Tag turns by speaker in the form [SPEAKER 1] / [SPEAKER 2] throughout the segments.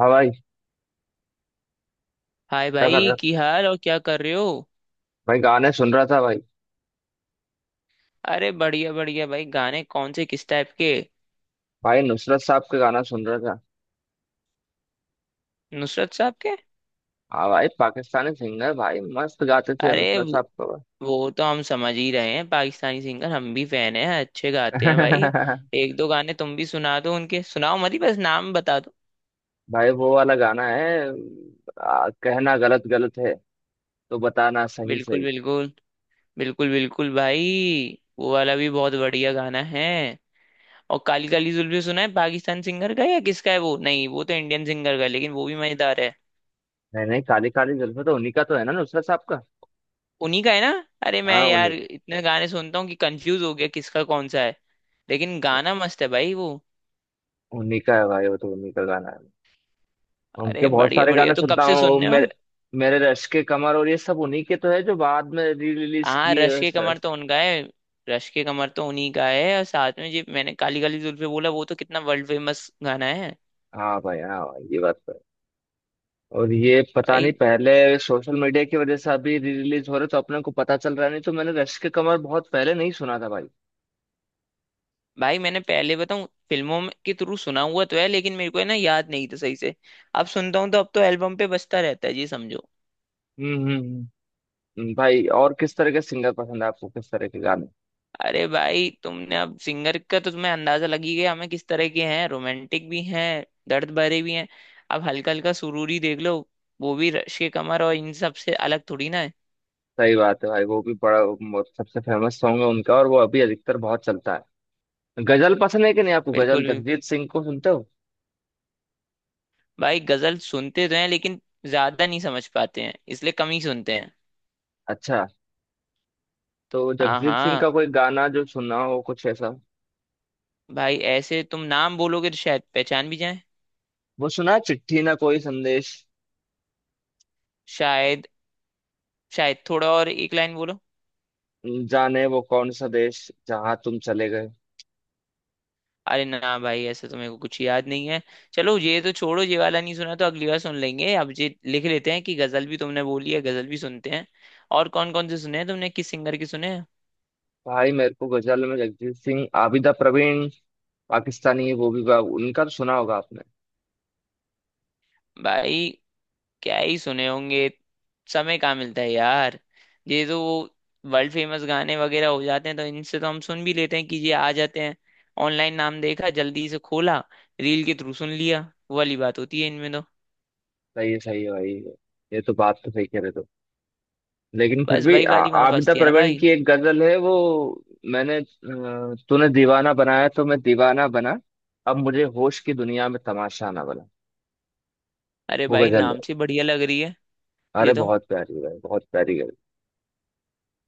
[SPEAKER 1] हाँ भाई।
[SPEAKER 2] हाय
[SPEAKER 1] क्या कर
[SPEAKER 2] भाई,
[SPEAKER 1] रहा
[SPEAKER 2] की हाल और क्या कर रहे हो?
[SPEAKER 1] भाई। गाने सुन रहा था भाई।
[SPEAKER 2] अरे बढ़िया बढ़िया भाई, गाने कौन से किस टाइप के?
[SPEAKER 1] भाई नुसरत साहब के गाना सुन रहा था।
[SPEAKER 2] नुसरत साहब के।
[SPEAKER 1] हाँ भाई, पाकिस्तानी सिंगर भाई, मस्त गाते थे
[SPEAKER 2] अरे
[SPEAKER 1] नुसरत साहब को
[SPEAKER 2] वो तो हम समझ ही रहे हैं, पाकिस्तानी सिंगर हम भी फैन हैं, अच्छे गाते हैं भाई।
[SPEAKER 1] भाई।
[SPEAKER 2] एक दो गाने तुम भी सुना दो उनके, सुनाओ मत ही, बस नाम बता दो।
[SPEAKER 1] भाई वो वाला गाना है। कहना गलत गलत है तो बताना सही
[SPEAKER 2] बिल्कुल
[SPEAKER 1] सही।
[SPEAKER 2] बिल्कुल। बिल्कुल बिल्कुल भाई, वो वाला भी बहुत बढ़िया गाना है। और काली काली जुल्फी सुना है पाकिस्तान सिंगर का, या किसका है वो? नहीं, वो तो इंडियन सिंगर का है, लेकिन वो भी मजेदार है।
[SPEAKER 1] नहीं नहीं, काली काली जुल्फे तो उन्हीं का तो है ना, नुसरत साहब का।
[SPEAKER 2] उन्हीं का है ना। अरे मैं
[SPEAKER 1] हाँ,
[SPEAKER 2] यार
[SPEAKER 1] उन्हीं।
[SPEAKER 2] इतने गाने सुनता हूँ कि कंफ्यूज हो गया किसका कौन सा है। लेकिन गाना मस्त है भाई वो।
[SPEAKER 1] उन्हीं का है भाई, वो तो उन्हीं का गाना है। उनके
[SPEAKER 2] अरे
[SPEAKER 1] बहुत
[SPEAKER 2] बढ़िया
[SPEAKER 1] सारे
[SPEAKER 2] बढ़िया,
[SPEAKER 1] गाने
[SPEAKER 2] तो कब
[SPEAKER 1] सुनता
[SPEAKER 2] से
[SPEAKER 1] हूँ वो
[SPEAKER 2] सुन रहे
[SPEAKER 1] मेरे।
[SPEAKER 2] हो?
[SPEAKER 1] मेरे रश के कमर और ये सब उन्हीं के तो है जो बाद में री रिलीज
[SPEAKER 2] हाँ,
[SPEAKER 1] किए
[SPEAKER 2] रश
[SPEAKER 1] हैं,
[SPEAKER 2] के
[SPEAKER 1] सर।
[SPEAKER 2] कमर तो उनका है। रश के कमर तो उन्हीं का है, और साथ में जी मैंने काली काली जुल्फे बोला, वो तो कितना वर्ल्ड फेमस गाना है।
[SPEAKER 1] हाँ भाई, हाँ भाई, ये बात तो है। और ये पता
[SPEAKER 2] भाई,
[SPEAKER 1] नहीं पहले सोशल मीडिया की वजह से अभी री रिलीज हो रहे तो अपने को पता चल रहा है, नहीं तो मैंने रश के कमर बहुत पहले नहीं सुना था भाई।
[SPEAKER 2] भाई मैंने पहले बताऊं फिल्मों में के थ्रू सुना हुआ तो है, लेकिन मेरे को है ना याद नहीं था सही से। अब सुनता हूँ तो अब तो एल्बम पे बजता रहता है जी समझो।
[SPEAKER 1] हम्म हम्म हम्म। भाई और किस तरह के सिंगर पसंद है आपको, किस तरह के गाने।
[SPEAKER 2] अरे भाई, तुमने अब सिंगर का तो तुम्हें अंदाजा लग ही गया, हमें किस तरह के हैं, रोमांटिक भी हैं, दर्द भरे भी हैं। अब हल्का हल्का सुरूरी देख लो, वो भी रश के कमर और इन सब से अलग थोड़ी ना है।
[SPEAKER 1] सही बात है भाई, वो भी बड़ा, वो सबसे फेमस सॉन्ग है उनका और वो अभी अधिकतर बहुत चलता है। गजल पसंद है कि नहीं आपको,
[SPEAKER 2] बिल्कुल
[SPEAKER 1] गजल
[SPEAKER 2] भी।
[SPEAKER 1] जगजीत सिंह को सुनते हो।
[SPEAKER 2] भाई गजल सुनते तो हैं, लेकिन ज्यादा नहीं समझ पाते हैं इसलिए कम ही सुनते हैं।
[SPEAKER 1] अच्छा। तो
[SPEAKER 2] हाँ
[SPEAKER 1] जगजीत सिंह
[SPEAKER 2] हाँ।
[SPEAKER 1] का कोई गाना जो सुना हो कुछ ऐसा।
[SPEAKER 2] भाई ऐसे तुम नाम बोलोगे तो शायद पहचान भी जाए।
[SPEAKER 1] वो सुना है, चिट्ठी ना कोई संदेश।
[SPEAKER 2] शायद। शायद थोड़ा और एक लाइन बोलो।
[SPEAKER 1] जाने वो कौन सा देश जहाँ तुम चले गए।
[SPEAKER 2] अरे ना भाई, ऐसा तो मेरे को कुछ याद नहीं है। चलो ये तो छोड़ो, ये वाला नहीं सुना तो अगली बार सुन लेंगे, अब ये लिख लेते हैं कि गजल भी तुमने बोली है, गजल भी सुनते हैं। और कौन कौन से सुने हैं तुमने, किस सिंगर के सुने हैं?
[SPEAKER 1] भाई मेरे को गजल में जगजीत सिंह, आबिदा प्रवीण। पाकिस्तानी है वो भी, उनका तो सुना होगा आपने।
[SPEAKER 2] भाई क्या ही सुने होंगे, समय कहाँ मिलता है यार। ये तो वो वर्ल्ड फेमस गाने वगैरह हो जाते हैं, तो इनसे तो हम सुन भी लेते हैं कि ये आ जाते हैं। ऑनलाइन नाम देखा, जल्दी से खोला, रील के थ्रू सुन लिया, वो वाली बात होती है इनमें तो।
[SPEAKER 1] सही है, सही है भाई, ये तो बात तो सही कह रहे तो। लेकिन फिर
[SPEAKER 2] बस
[SPEAKER 1] भी
[SPEAKER 2] वही वाली वहां
[SPEAKER 1] आबिदा
[SPEAKER 2] फंसती है ना
[SPEAKER 1] प्रवीण
[SPEAKER 2] भाई।
[SPEAKER 1] की एक गजल है वो। मैंने, तूने दीवाना बनाया तो मैं दीवाना बना, अब मुझे होश की दुनिया में तमाशा ना बना।
[SPEAKER 2] अरे
[SPEAKER 1] वो
[SPEAKER 2] भाई
[SPEAKER 1] गजल है।
[SPEAKER 2] नाम से बढ़िया लग रही है। ये
[SPEAKER 1] अरे
[SPEAKER 2] तो,
[SPEAKER 1] बहुत प्यारी है भाई, बहुत प्यारी गजल।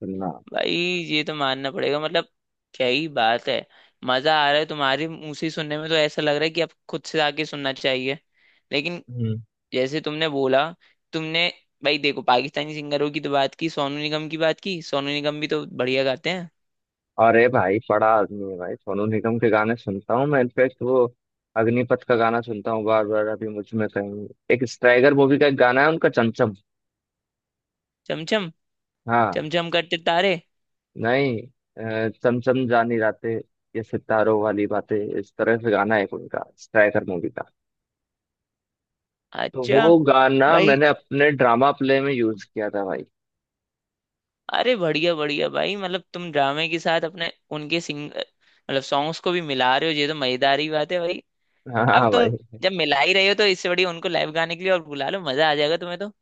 [SPEAKER 1] सुनना।
[SPEAKER 2] भाई ये तो मानना पड़ेगा, मतलब क्या ही बात है। मजा आ रहा है तुम्हारे मुंह से ही सुनने में, तो ऐसा लग रहा है कि अब खुद से आके सुनना चाहिए। लेकिन जैसे तुमने बोला, तुमने, भाई देखो पाकिस्तानी सिंगरों की तो बात की, सोनू निगम की बात की, सोनू निगम भी तो बढ़िया गाते हैं।
[SPEAKER 1] अरे भाई, बड़ा आदमी है भाई। सोनू निगम के गाने सुनता हूँ मैं। इनफेक्ट वो अग्निपथ का गाना सुनता हूँ बार बार। अभी मुझ में कहीं एक स्ट्राइगर मूवी का एक गाना है उनका, चमचम।
[SPEAKER 2] चमचम।
[SPEAKER 1] हाँ।
[SPEAKER 2] चमचम करते तारे।
[SPEAKER 1] नहीं। चमचम जानी रातें, ये सितारों वाली बातें, इस तरह से गाना है एक उनका स्ट्राइगर मूवी का। तो
[SPEAKER 2] अच्छा।
[SPEAKER 1] वो गाना
[SPEAKER 2] भाई
[SPEAKER 1] मैंने अपने ड्रामा प्ले में यूज किया था भाई।
[SPEAKER 2] अरे बढ़िया बढ़िया भाई, मतलब तुम ड्रामे के साथ अपने उनके सिंग, मतलब सॉन्ग्स को भी मिला रहे हो, ये तो मजेदार ही बात है भाई। अब
[SPEAKER 1] हाँ
[SPEAKER 2] तुम
[SPEAKER 1] भाई।
[SPEAKER 2] जब मिला ही रहे हो, तो इससे बढ़िया उनको लाइव गाने के लिए और बुला लो, मजा आ जाएगा तुम्हें तो।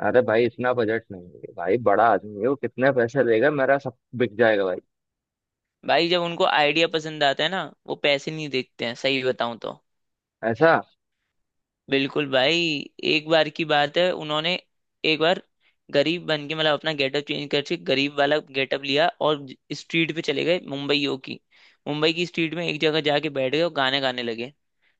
[SPEAKER 1] अरे भाई इतना बजट नहीं है भाई, बड़ा आदमी है वो, कितने पैसे देगा, मेरा सब बिक जाएगा भाई।
[SPEAKER 2] भाई जब उनको आइडिया पसंद आता है ना, वो पैसे नहीं देखते हैं, सही बताऊं तो।
[SPEAKER 1] ऐसा।
[SPEAKER 2] बिल्कुल भाई। एक बार की बात है, उन्होंने एक बार गरीब बन के, मतलब अपना गेटअप चेंज करके गरीब वाला गेटअप लिया, और स्ट्रीट पे चले गए मुंबईयों की, मुंबई की स्ट्रीट में एक जगह जाके बैठ गए और गाने गाने लगे।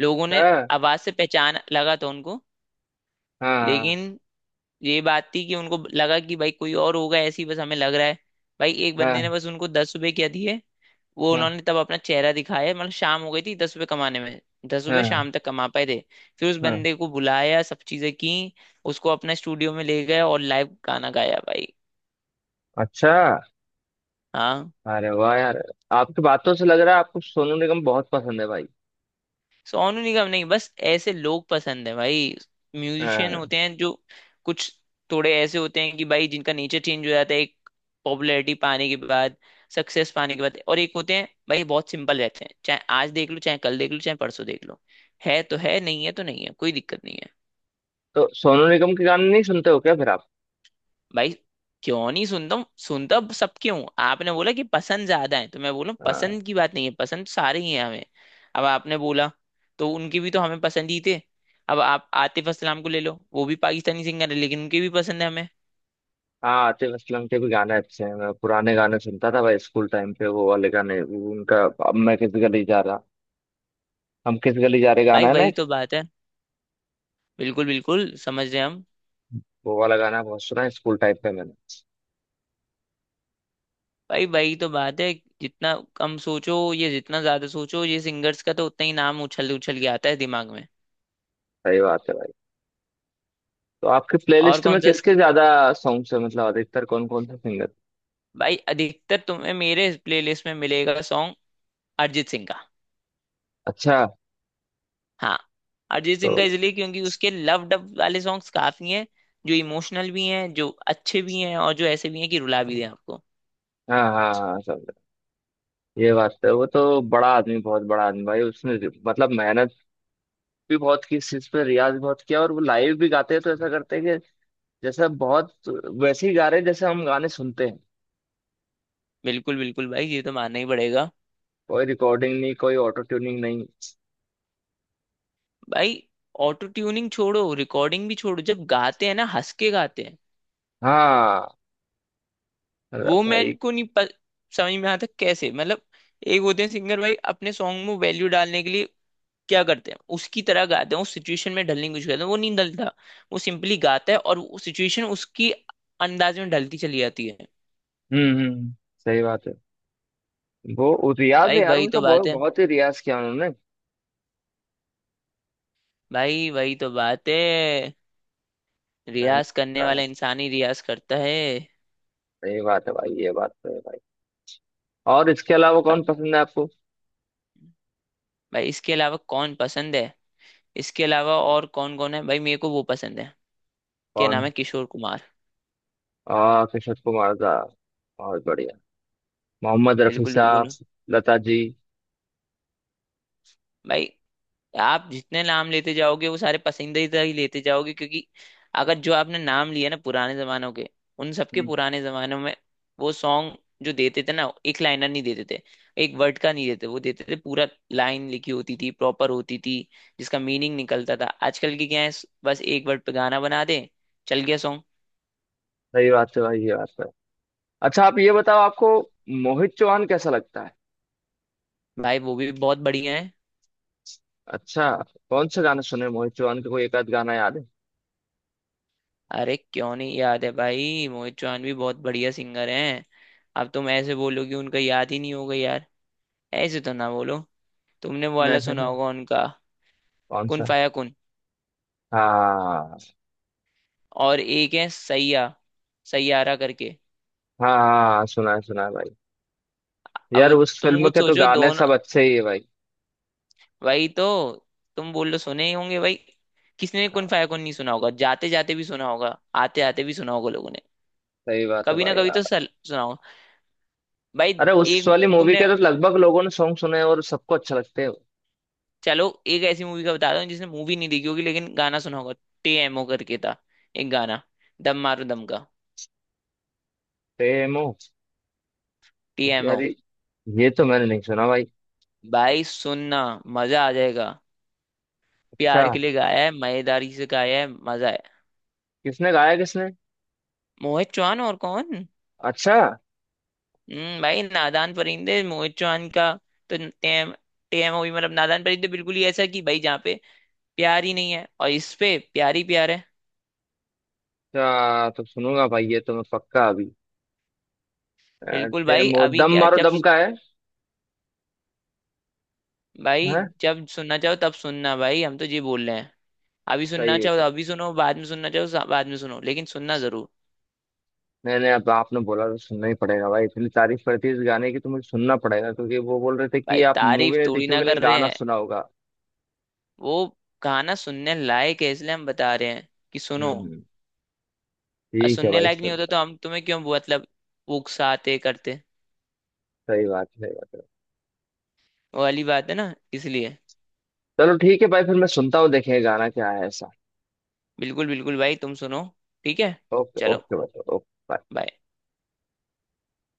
[SPEAKER 2] लोगों ने
[SPEAKER 1] हाँ।
[SPEAKER 2] आवाज से पहचान लगा था उनको,
[SPEAKER 1] हाँ। हाँ।
[SPEAKER 2] लेकिन ये बात थी कि उनको लगा कि भाई कोई और होगा, ऐसी बस हमें लग रहा है। भाई एक बंदे ने
[SPEAKER 1] हाँ।
[SPEAKER 2] बस उनको 10 रुपए क्या दिए, वो
[SPEAKER 1] हाँ।
[SPEAKER 2] उन्होंने तब अपना चेहरा दिखाया, मतलब शाम हो गई थी 10 रुपए कमाने में। 10 रुपए
[SPEAKER 1] हाँ।
[SPEAKER 2] शाम तक कमा पाए थे। फिर उस
[SPEAKER 1] हाँ।
[SPEAKER 2] बंदे को बुलाया, सब चीजें की, उसको अपना स्टूडियो में ले गए और लाइव गाना गाया भाई।
[SPEAKER 1] अच्छा।
[SPEAKER 2] हाँ।
[SPEAKER 1] अरे वाह यार, आपकी बातों से लग रहा है आपको सोनू निगम बहुत पसंद है भाई।
[SPEAKER 2] सोनू निगम नहीं, बस ऐसे लोग पसंद है भाई, म्यूजिशियन
[SPEAKER 1] हाँ।
[SPEAKER 2] होते हैं जो कुछ थोड़े ऐसे होते हैं कि भाई जिनका नेचर चेंज हो जाता है एक पॉपुलैरिटी पाने के बाद, सक्सेस पाने के बाद, और एक होते हैं भाई बहुत सिंपल रहते हैं, चाहे आज देख लो चाहे कल देख लो चाहे परसों देख लो, है तो है, नहीं है तो नहीं है, कोई दिक्कत नहीं है।
[SPEAKER 1] तो सोनू निगम के गाने नहीं सुनते हो क्या फिर आप।
[SPEAKER 2] भाई क्यों नहीं सुनता हूँ, सुनता सबके हूँ। आपने बोला कि पसंद ज्यादा है, तो मैं बोला पसंद
[SPEAKER 1] हाँ।
[SPEAKER 2] की बात नहीं है, पसंद तो सारे ही हैं हमें। अब आपने बोला तो उनके भी तो हमें पसंद ही थे। अब आप आतिफ असलाम को ले लो, वो भी पाकिस्तानी सिंगर है लेकिन उनके भी पसंद है हमें।
[SPEAKER 1] हाँ, आतिफ असलम के भी गाने अच्छे हैं। मैं पुराने गाने सुनता था भाई, स्कूल टाइम पे, वो वाले गाने, वो उनका, अब मैं किस गली जा रहा, हम किस गली जा रहे, गाना
[SPEAKER 2] भाई
[SPEAKER 1] है ना
[SPEAKER 2] वही
[SPEAKER 1] एक।
[SPEAKER 2] तो बात है। बिल्कुल बिल्कुल, समझ रहे हैं हम।
[SPEAKER 1] वो वाला गाना बहुत सुना है स्कूल टाइम पे मैंने।
[SPEAKER 2] भाई वही तो बात है, जितना कम सोचो ये जितना ज्यादा सोचो ये सिंगर्स का, तो उतना ही नाम उछल उछल के आता है दिमाग में।
[SPEAKER 1] सही बात है भाई। तो आपके
[SPEAKER 2] और
[SPEAKER 1] प्लेलिस्ट में
[SPEAKER 2] कौन सा?
[SPEAKER 1] किसके ज्यादा सॉन्ग्स है, मतलब अधिकतर कौन कौन से सिंगर।
[SPEAKER 2] भाई अधिकतर तुम्हें मेरे प्लेलिस्ट में मिलेगा सॉन्ग अरिजीत सिंह का।
[SPEAKER 1] अच्छा।
[SPEAKER 2] हाँ। अरिजीत
[SPEAKER 1] तो
[SPEAKER 2] सिंह का इसलिए, क्योंकि उसके लव डब वाले सॉन्ग्स काफी हैं, जो इमोशनल भी हैं, जो अच्छे भी हैं, और जो ऐसे भी हैं कि रुला भी दें आपको।
[SPEAKER 1] हाँ हाँ हाँ, समझा। ये बात तो है, वो तो बड़ा आदमी, बहुत बड़ा आदमी भाई। उसने मतलब मेहनत भी बहुत की इस चीज पे, रियाज भी बहुत किया, और वो लाइव भी गाते हैं तो ऐसा करते हैं कि जैसे बहुत वैसे ही गा रहे हैं जैसे हम गाने सुनते हैं।
[SPEAKER 2] बिल्कुल बिल्कुल भाई, ये तो मानना ही पड़ेगा।
[SPEAKER 1] कोई रिकॉर्डिंग नहीं, कोई ऑटो ट्यूनिंग नहीं।
[SPEAKER 2] भाई ऑटो ट्यूनिंग छोड़ो, रिकॉर्डिंग भी छोड़ो, जब गाते हैं ना हंस के गाते हैं।
[SPEAKER 1] हाँ। अरे
[SPEAKER 2] वो
[SPEAKER 1] भाई।
[SPEAKER 2] मैं को नहीं प, समझ में आता कैसे, मतलब एक होते हैं सिंगर भाई अपने सॉन्ग में वैल्यू डालने के लिए क्या करते हैं, उसकी तरह गाते हैं, उस सिचुएशन में ढलने की कोशिश करते हैं, वो नहीं ढलता। वो सिंपली गाता है और वो सिचुएशन उसकी अंदाज में ढलती चली जाती है।
[SPEAKER 1] हम्म हम्म सही बात है। वो रियाज
[SPEAKER 2] भाई
[SPEAKER 1] है यार
[SPEAKER 2] वही
[SPEAKER 1] उनका,
[SPEAKER 2] तो बात
[SPEAKER 1] बहुत
[SPEAKER 2] है।
[SPEAKER 1] बहुत ही रियाज किया उन्होंने।
[SPEAKER 2] भाई वही तो बात है,
[SPEAKER 1] मेहनत
[SPEAKER 2] रियाज करने
[SPEAKER 1] का।
[SPEAKER 2] वाला इंसान ही रियाज करता है।
[SPEAKER 1] सही बात है भाई, ये बात तो है भाई। और इसके अलावा
[SPEAKER 2] अब,
[SPEAKER 1] कौन पसंद है आपको।
[SPEAKER 2] भाई इसके अलावा कौन पसंद है, इसके अलावा और कौन कौन है, भाई मेरे को वो पसंद है, क्या
[SPEAKER 1] कौन।
[SPEAKER 2] नाम है, किशोर कुमार।
[SPEAKER 1] आ किशोर कुमार का, बहुत बढ़िया। मोहम्मद रफी
[SPEAKER 2] बिल्कुल
[SPEAKER 1] साहब।
[SPEAKER 2] बिल्कुल
[SPEAKER 1] लता जी।
[SPEAKER 2] भाई, आप जितने नाम लेते जाओगे वो सारे पसंदीदा ही लेते जाओगे, क्योंकि अगर जो आपने नाम लिया ना पुराने जमानों के, उन सबके
[SPEAKER 1] हम्म,
[SPEAKER 2] पुराने जमानों में वो सॉन्ग जो देते थे ना, एक लाइनर नहीं देते थे, एक वर्ड का नहीं देते, वो देते थे पूरा, लाइन लिखी होती थी, प्रॉपर होती थी, जिसका मीनिंग निकलता था। आजकल की क्या है, बस एक वर्ड पे गाना बना दे, चल गया सॉन्ग।
[SPEAKER 1] सही बात है भाई, ये बात तो है। अच्छा आप ये बताओ, आपको मोहित चौहान कैसा लगता है।
[SPEAKER 2] भाई वो भी बहुत बढ़िया है।
[SPEAKER 1] अच्छा। कौन सा गाना सुने मोहित चौहान का, कोई एक आध गाना याद है।
[SPEAKER 2] अरे क्यों नहीं याद है भाई, मोहित चौहान भी बहुत बढ़िया सिंगर हैं। अब तुम ऐसे बोलोगे उनका याद ही नहीं होगा यार, ऐसे तो ना बोलो। तुमने वो वाला
[SPEAKER 1] नहीं।
[SPEAKER 2] सुना होगा उनका,
[SPEAKER 1] कौन
[SPEAKER 2] कुन
[SPEAKER 1] सा।
[SPEAKER 2] फाया कुन।
[SPEAKER 1] हाँ।
[SPEAKER 2] और एक है सैया, सैयारा करके।
[SPEAKER 1] हाँ हाँ, सुना है भाई। यार
[SPEAKER 2] अब
[SPEAKER 1] उस
[SPEAKER 2] तुम
[SPEAKER 1] फिल्म
[SPEAKER 2] कुछ
[SPEAKER 1] के तो
[SPEAKER 2] सोचो
[SPEAKER 1] गाने
[SPEAKER 2] दोनों,
[SPEAKER 1] सब अच्छे ही है भाई।
[SPEAKER 2] भाई तो, तुम बोल रहे सुने ही होंगे भाई, किसने कुन
[SPEAKER 1] हाँ,
[SPEAKER 2] फाया कुन नहीं सुना होगा, जाते जाते भी सुना होगा, आते आते भी सुना होगा लोगों ने।
[SPEAKER 1] सही बात है
[SPEAKER 2] कभी ना
[SPEAKER 1] भाई
[SPEAKER 2] कभी तो
[SPEAKER 1] यार।
[SPEAKER 2] सुना होगा। भाई
[SPEAKER 1] अरे उस
[SPEAKER 2] एक
[SPEAKER 1] वाली मूवी
[SPEAKER 2] तुमने।
[SPEAKER 1] के तो लगभग लोगों ने सॉन्ग सुने हैं और सबको अच्छा लगते हैं।
[SPEAKER 2] चलो एक ऐसी मूवी का बता दो जिसने मूवी नहीं देखी होगी लेकिन गाना सुना होगा। टीएमओ करके था एक गाना, दम मारो दम का।
[SPEAKER 1] प्रेम हो। यार
[SPEAKER 2] टीएमओ।
[SPEAKER 1] ये तो मैंने नहीं सुना भाई।
[SPEAKER 2] भाई सुनना, मजा आ जाएगा,
[SPEAKER 1] अच्छा।
[SPEAKER 2] प्यार के लिए गाया है, मयेदारी से गाया है, मजा है।
[SPEAKER 1] किसने गाया किसने।
[SPEAKER 2] मोहित चौहान, और कौन।
[SPEAKER 1] अच्छा।
[SPEAKER 2] हम्म, भाई नादान परिंदे मोहित चौहान का तो, टेम टेम हुई मतलब, नादान परिंदे बिल्कुल ही ऐसा कि भाई जहाँ पे प्यार ही नहीं है और इस पे प्यार ही प्यार है।
[SPEAKER 1] अच्छा तो सुनूंगा भाई, ये तो मैं पक्का अभी, अ,
[SPEAKER 2] बिल्कुल भाई,
[SPEAKER 1] डेमो
[SPEAKER 2] अभी
[SPEAKER 1] दम
[SPEAKER 2] क्या
[SPEAKER 1] मारो
[SPEAKER 2] जब,
[SPEAKER 1] दम का है।
[SPEAKER 2] भाई
[SPEAKER 1] हाँ।
[SPEAKER 2] जब सुनना चाहो तब सुनना, भाई हम तो ये बोल रहे हैं, अभी
[SPEAKER 1] सही
[SPEAKER 2] सुनना
[SPEAKER 1] है
[SPEAKER 2] चाहो तो
[SPEAKER 1] सही।
[SPEAKER 2] अभी सुनो, बाद में सुनना चाहो तो बाद में सुनो, लेकिन सुनना जरूर।
[SPEAKER 1] मैंने अब आपने बोला तो सुनना ही पड़ेगा भाई, इतनी तारीफ करती है इस गाने की तो मुझे सुनना पड़ेगा, क्योंकि वो बोल रहे थे कि
[SPEAKER 2] भाई
[SPEAKER 1] आप मूवी
[SPEAKER 2] तारीफ
[SPEAKER 1] नहीं
[SPEAKER 2] थोड़ी
[SPEAKER 1] देखी
[SPEAKER 2] ना
[SPEAKER 1] होगी
[SPEAKER 2] कर
[SPEAKER 1] लेकिन
[SPEAKER 2] रहे
[SPEAKER 1] गाना
[SPEAKER 2] हैं,
[SPEAKER 1] सुना होगा।
[SPEAKER 2] वो गाना सुनने लायक है इसलिए हम बता रहे हैं कि सुनो।
[SPEAKER 1] हम्म।
[SPEAKER 2] और
[SPEAKER 1] ठीक है
[SPEAKER 2] सुनने
[SPEAKER 1] भाई,
[SPEAKER 2] लायक नहीं होता
[SPEAKER 1] सुनता।
[SPEAKER 2] तो हम तुम्हें क्यों वो, मतलब उकसाते करते,
[SPEAKER 1] सही बात है, सही बात है।
[SPEAKER 2] वो वाली बात है ना, इसलिए।
[SPEAKER 1] चलो ठीक है भाई, फिर मैं सुनता हूँ देखें गाना क्या है ऐसा।
[SPEAKER 2] बिल्कुल बिल्कुल भाई, तुम सुनो। ठीक है।
[SPEAKER 1] ओके
[SPEAKER 2] चलो
[SPEAKER 1] ओके भाई, ओके।
[SPEAKER 2] bye।